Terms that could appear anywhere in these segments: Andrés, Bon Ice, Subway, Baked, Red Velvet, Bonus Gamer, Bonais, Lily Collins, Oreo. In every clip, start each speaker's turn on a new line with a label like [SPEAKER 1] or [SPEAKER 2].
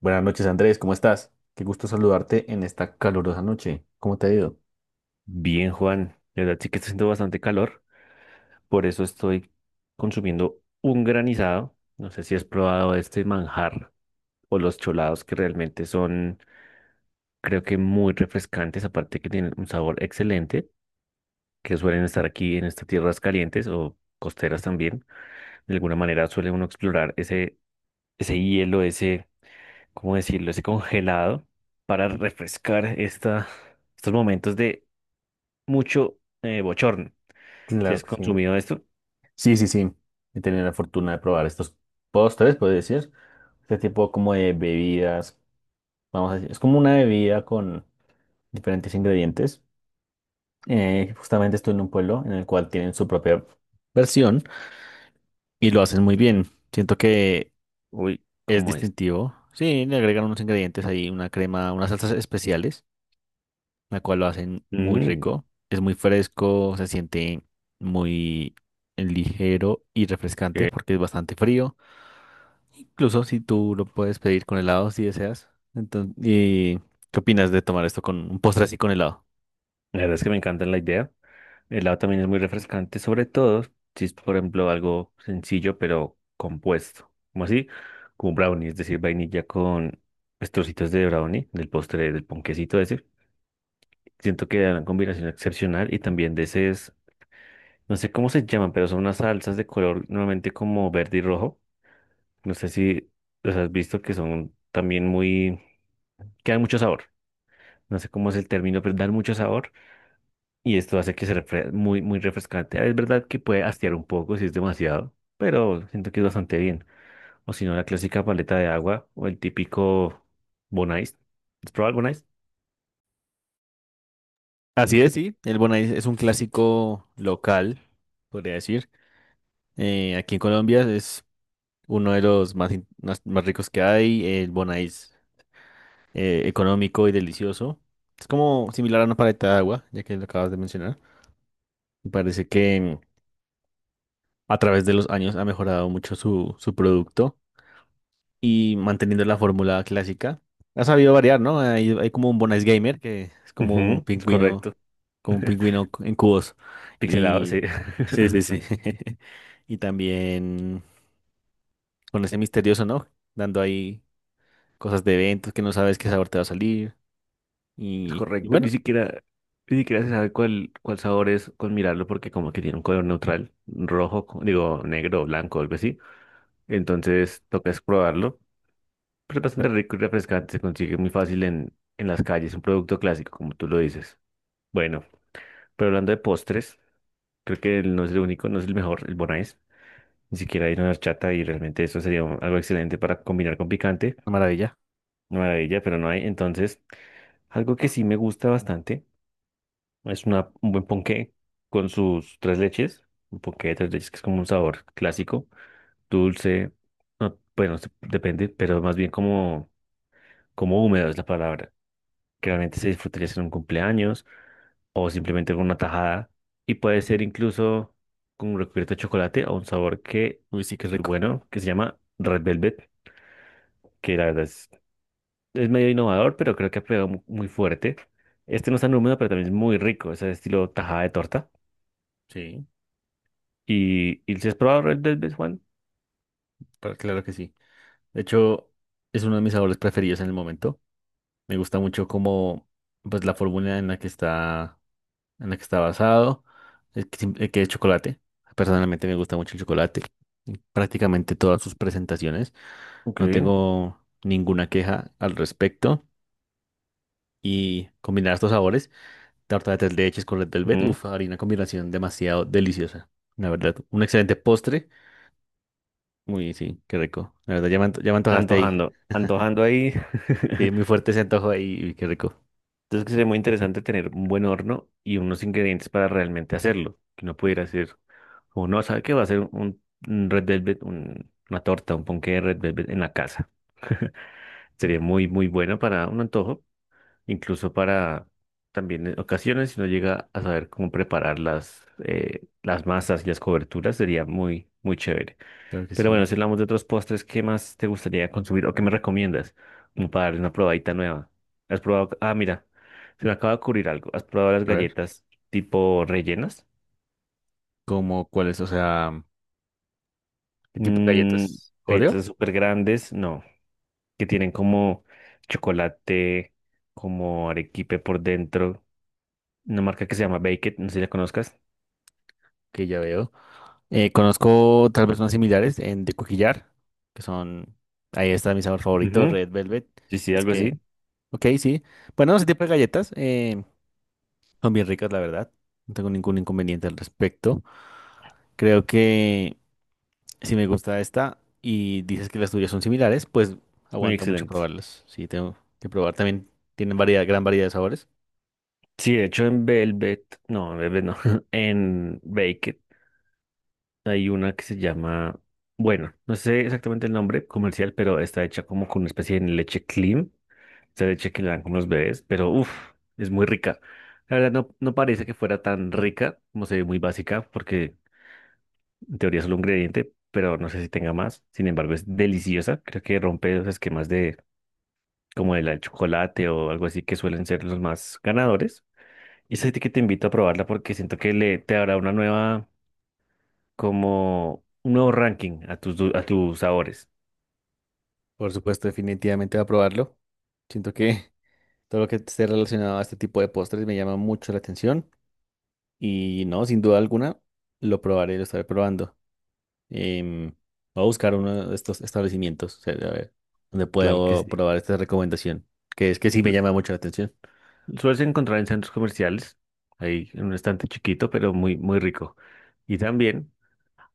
[SPEAKER 1] Buenas noches, Andrés, ¿cómo estás? Qué gusto saludarte en esta calurosa noche. ¿Cómo te ha ido?
[SPEAKER 2] Bien, Juan, la verdad sí que está haciendo bastante calor, por eso estoy consumiendo un granizado. No sé si has probado este manjar o los cholados que realmente son, creo que muy refrescantes, aparte que tienen un sabor excelente, que suelen estar aquí en estas tierras calientes o costeras también. De alguna manera suele uno explorar ese hielo, ¿cómo decirlo? Ese congelado para refrescar estos momentos de mucho bochorno. ¿Si
[SPEAKER 1] Claro
[SPEAKER 2] has
[SPEAKER 1] que sí.
[SPEAKER 2] consumido esto?
[SPEAKER 1] Sí, sí, sí. He tenido la fortuna de probar estos postres, puedo decir. Este tipo como de bebidas, vamos a decir. Es como una bebida con diferentes ingredientes. Justamente estoy en un pueblo en el cual tienen su propia versión y lo hacen muy bien. Siento que
[SPEAKER 2] Uy,
[SPEAKER 1] es
[SPEAKER 2] ¿cómo es?
[SPEAKER 1] distintivo. Sí, le agregan unos ingredientes ahí, una crema, unas salsas especiales, la cual lo hacen muy
[SPEAKER 2] Mm,
[SPEAKER 1] rico. Es muy fresco, se siente muy ligero y refrescante
[SPEAKER 2] eh,
[SPEAKER 1] porque es bastante frío. Incluso si tú lo puedes pedir con helado si deseas. Entonces, ¿y qué opinas de tomar esto con un postre así con helado?
[SPEAKER 2] la verdad es que me encanta la idea. El helado también es muy refrescante, sobre todo si es, por ejemplo, algo sencillo pero compuesto. Como así, como brownie, es decir, vainilla con pues, trocitos de brownie, del postre, del ponquecito ese. Siento que da una combinación excepcional y también de ese es, no sé cómo se llaman, pero son unas salsas de color normalmente como verde y rojo. No sé si los has visto que son también muy, que dan mucho sabor. No sé cómo es el término, pero dan mucho sabor y esto hace que se muy, muy refrescante. Es verdad que puede hastiar un poco si es demasiado, pero siento que es bastante bien. O si no, la clásica paleta de agua o el típico Bon Ice. ¿Has probado el Bon Ice?
[SPEAKER 1] Así es, sí. El Bonais es un clásico local, podría decir. Aquí en Colombia es uno de los más, más, más ricos que hay. El Bonais económico y delicioso. Es como similar a una paleta de agua, ya que lo acabas de mencionar. Me parece que a través de los años ha mejorado mucho su producto y manteniendo la fórmula clásica. Ha sabido variar, ¿no? Hay como un Bonus Gamer que es
[SPEAKER 2] Ujú, es correcto.
[SPEAKER 1] como un pingüino en cubos.
[SPEAKER 2] Pixelado, sí.
[SPEAKER 1] Y sí, sí, sí. Y también con ese misterioso, ¿no? Dando ahí cosas de eventos que no sabes qué sabor te va a salir.
[SPEAKER 2] Es
[SPEAKER 1] Y
[SPEAKER 2] correcto.
[SPEAKER 1] bueno,
[SPEAKER 2] Ni siquiera se sabe cuál sabor es con mirarlo porque como que tiene un color neutral, rojo, digo, negro o blanco, algo así. Entonces toca es probarlo. Pero es
[SPEAKER 1] fue
[SPEAKER 2] bastante rico y refrescante. Se consigue muy fácil en las calles. Un producto clásico, como tú lo dices. Bueno, pero hablando de postres, creo que él no es el único, no es el mejor, el Bonais. Ni siquiera hay una horchata y realmente eso sería algo excelente para combinar con picante.
[SPEAKER 1] una maravilla.
[SPEAKER 2] Maravilla, pero no hay. Entonces, algo que sí me gusta bastante es un buen ponqué con sus tres leches. Un ponqué de tres leches que es como un sabor clásico, dulce, no, bueno, depende, pero más bien como, como húmedo es la palabra, que realmente se disfrutaría en un cumpleaños o simplemente con una tajada. Y puede ser incluso con un recubierto de chocolate o un sabor que
[SPEAKER 1] Uy, sí, qué
[SPEAKER 2] es muy
[SPEAKER 1] rico.
[SPEAKER 2] bueno, que se llama Red Velvet, que la verdad es medio innovador, pero creo que ha pegado muy fuerte. Este no es tan húmedo, pero también es muy rico, es el estilo tajada de torta.
[SPEAKER 1] Sí,
[SPEAKER 2] Y si has probado Red Velvet, Juan?
[SPEAKER 1] claro que sí. De hecho, es uno de mis sabores preferidos en el momento. Me gusta mucho como pues la fórmula en la que está en la que está basado, el que es chocolate. Personalmente me gusta mucho el chocolate en prácticamente todas sus presentaciones.
[SPEAKER 2] Ok.
[SPEAKER 1] No tengo ninguna queja al respecto. Y combinar estos sabores, tarta de tres leches con red velvet,
[SPEAKER 2] Ujú.
[SPEAKER 1] uff, harina combinación demasiado deliciosa. La verdad, un excelente postre. Uy, sí, qué rico. La verdad, ya me antojaste ahí.
[SPEAKER 2] Antojando, antojando ahí.
[SPEAKER 1] Sí, muy fuerte ese antojo ahí. Uy, qué rico.
[SPEAKER 2] Entonces que sería muy interesante tener un buen horno y unos ingredientes para realmente hacerlo, que no pudiera hacer. O no, ¿sabe qué? Va a ser un Red Velvet, una torta, un ponqué de Red Velvet en la casa. Sería muy, muy bueno para un antojo, incluso para también en ocasiones, si no llega a saber cómo preparar las masas y las coberturas, sería muy, muy chévere.
[SPEAKER 1] Creo que
[SPEAKER 2] Pero bueno,
[SPEAKER 1] sí.
[SPEAKER 2] si hablamos de otros postres, ¿qué más te gustaría consumir o qué me recomiendas? Como para darle una probadita nueva. ¿Has probado? Ah, mira, se me acaba de ocurrir algo. ¿Has probado las
[SPEAKER 1] A ver.
[SPEAKER 2] galletas tipo rellenas?
[SPEAKER 1] Como cuáles, o sea, ¿el tipo de
[SPEAKER 2] Mm,
[SPEAKER 1] galletas? Oreo,
[SPEAKER 2] galletas súper grandes, no, que tienen como chocolate, como arequipe por dentro. Una marca que se llama Baked, no sé si la conozcas.
[SPEAKER 1] que ya veo. Conozco tal vez unas similares en de coquillar, que son, ahí está mi sabor favorito,
[SPEAKER 2] Ujú.
[SPEAKER 1] Red Velvet.
[SPEAKER 2] Sí, sí,
[SPEAKER 1] Es
[SPEAKER 2] algo así.
[SPEAKER 1] que, ok, sí. Bueno, ese tipo de galletas son bien ricas, la verdad. No tengo ningún inconveniente al respecto. Creo que si me gusta esta y dices que las tuyas son similares, pues
[SPEAKER 2] Muy
[SPEAKER 1] aguanta mucho
[SPEAKER 2] excelente.
[SPEAKER 1] probarlas. Sí, tengo que probar. También tienen variedad, gran variedad de sabores.
[SPEAKER 2] Sí, de hecho en Velvet no, en Baked hay una que se llama, bueno, no sé exactamente el nombre comercial, pero está hecha como con una especie de leche clean, esa leche que le dan como los bebés, pero uff, es muy rica. La verdad no, no parece que fuera tan rica, como se ve muy básica, porque en teoría es solo un ingrediente, pero no sé si tenga más. Sin embargo, es deliciosa. Creo que rompe los esquemas de como el chocolate o algo así que suelen ser los más ganadores. Y es así que te invito a probarla porque siento que le te dará una nueva, como un nuevo ranking a a tus sabores.
[SPEAKER 1] Por supuesto, definitivamente voy a probarlo. Siento que todo lo que esté relacionado a este tipo de postres me llama mucho la atención y no, sin duda alguna, lo probaré, lo estaré probando. Em, Voy a buscar uno de estos establecimientos, o sea, a ver, donde
[SPEAKER 2] Claro que
[SPEAKER 1] puedo
[SPEAKER 2] sí.
[SPEAKER 1] probar esta recomendación, que es que sí me
[SPEAKER 2] Su-
[SPEAKER 1] llama mucho la atención.
[SPEAKER 2] Sueles encontrar en centros comerciales, ahí en un estante chiquito, pero muy, muy rico. Y también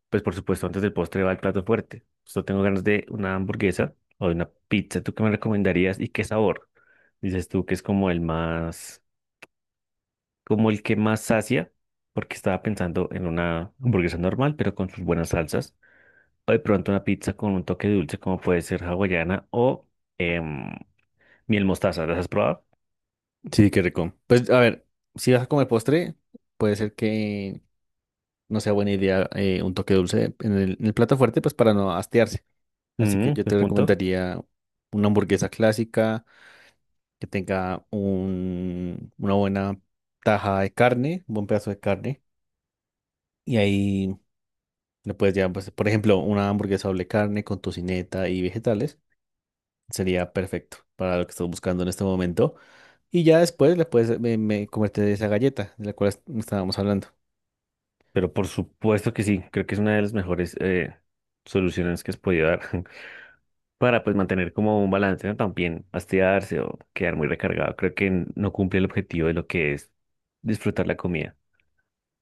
[SPEAKER 2] pues por supuesto, antes del postre va el plato fuerte. Yo tengo ganas de una hamburguesa o de una pizza. ¿Tú qué me recomendarías y qué sabor? Dices tú que es como como el que más sacia, porque estaba pensando en una hamburguesa normal, pero con sus buenas salsas. O de pronto una pizza con un toque dulce, como puede ser hawaiana o em, miel mostaza. ¿Las has probado?
[SPEAKER 1] Sí, qué rico. Pues a ver, si vas a comer postre, puede ser que no sea buena idea un toque dulce en en el plato fuerte, pues para no hastiarse. Así que
[SPEAKER 2] Mm,
[SPEAKER 1] yo
[SPEAKER 2] de
[SPEAKER 1] te
[SPEAKER 2] punto.
[SPEAKER 1] recomendaría una hamburguesa clásica que tenga una buena taja de carne, un buen pedazo de carne. Y ahí le puedes llevar, pues, por ejemplo, una hamburguesa doble carne con tocineta y vegetales. Sería perfecto para lo que estás buscando en este momento. Y ya después le puedes comerte de esa galleta de la cual estábamos hablando.
[SPEAKER 2] Pero por supuesto que sí, creo que es una de las mejores soluciones que has podido dar. Para pues mantener como un balance, ¿no? También hastiarse o quedar muy recargado. Creo que no cumple el objetivo de lo que es disfrutar la comida.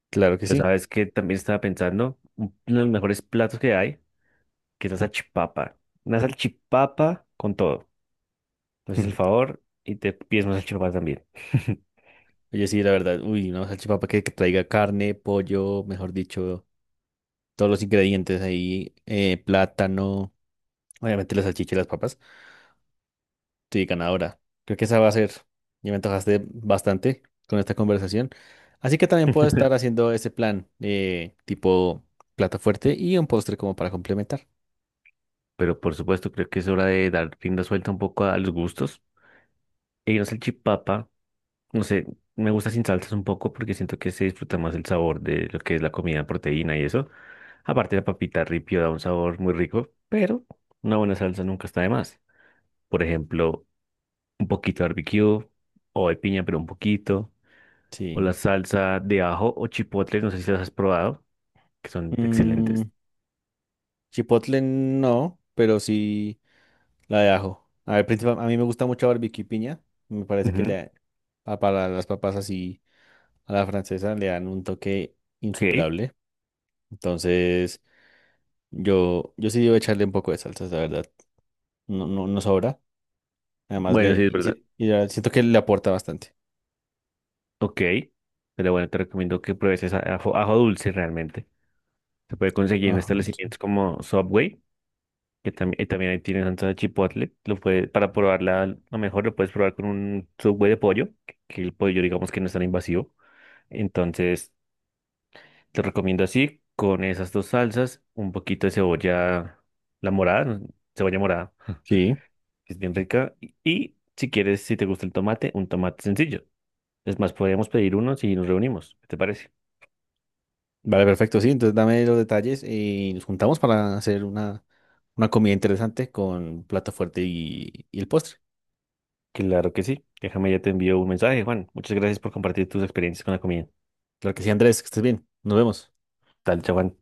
[SPEAKER 1] Claro que
[SPEAKER 2] Pero
[SPEAKER 1] sí.
[SPEAKER 2] sabes que también estaba pensando, uno de los mejores platos que hay, que es la salchipapa. Una salchipapa con todo. Entonces el favor y te pides una salchipapa también.
[SPEAKER 1] Oye, sí, la verdad. Uy, una salchipapa que traiga carne, pollo, mejor dicho, todos los ingredientes ahí, plátano, obviamente la salchicha y las papas. Sí, ganadora. Creo que esa va a ser. Ya me antojaste bastante con esta conversación. Así que también puedo estar haciendo ese plan tipo plato fuerte y un postre como para complementar.
[SPEAKER 2] Pero por supuesto creo que es hora de dar rienda suelta un poco a los gustos. Y una salchipapa, no sé, me gusta sin salsas un poco porque siento que se disfruta más el sabor de lo que es la comida, proteína y eso. Aparte, la papita ripio da un sabor muy rico, pero una buena salsa nunca está de más. Por ejemplo, un poquito de barbecue o de piña, pero un poquito. O la
[SPEAKER 1] Sí.
[SPEAKER 2] salsa de ajo o chipotle, no sé si las has probado, que son
[SPEAKER 1] Mm,
[SPEAKER 2] excelentes.
[SPEAKER 1] chipotle no, pero sí la de ajo. A ver, a mí me gusta mucho barbecue y piña. Me parece que
[SPEAKER 2] Ujú,
[SPEAKER 1] para las papas así a la francesa le dan un toque
[SPEAKER 2] ok,
[SPEAKER 1] insuperable. Entonces, yo sí debo echarle un poco de salsas, la verdad. No, no, no sobra. Además,
[SPEAKER 2] bueno,
[SPEAKER 1] le,
[SPEAKER 2] sí, es
[SPEAKER 1] y
[SPEAKER 2] verdad.
[SPEAKER 1] si- y ya siento que le aporta bastante.
[SPEAKER 2] Ok, pero bueno, te recomiendo que pruebes esa ajo, ajo dulce realmente. Se puede conseguir en
[SPEAKER 1] Ajá, sí.
[SPEAKER 2] establecimientos como Subway, que también, y también ahí tienen salsa de chipotle. Lo puede, para probarla, a lo mejor lo puedes probar con un Subway de pollo, que el pollo digamos que no es tan invasivo. Entonces, te recomiendo así, con esas dos salsas, un poquito de cebolla, la morada, ¿no? Cebolla morada,
[SPEAKER 1] Sí,
[SPEAKER 2] que es bien rica. Y si quieres, si te gusta el tomate, un tomate sencillo. Es más, podemos pedir uno si nos reunimos. ¿Qué te parece?
[SPEAKER 1] vale, perfecto, sí. Entonces dame los detalles y nos juntamos para hacer una comida interesante con plato fuerte y el postre.
[SPEAKER 2] Claro que sí. Déjame, ya te envío un mensaje, Juan. Muchas gracias por compartir tus experiencias con la comida.
[SPEAKER 1] Claro que sí, Andrés, que estés bien. Nos vemos.
[SPEAKER 2] Tal, chao, Juan.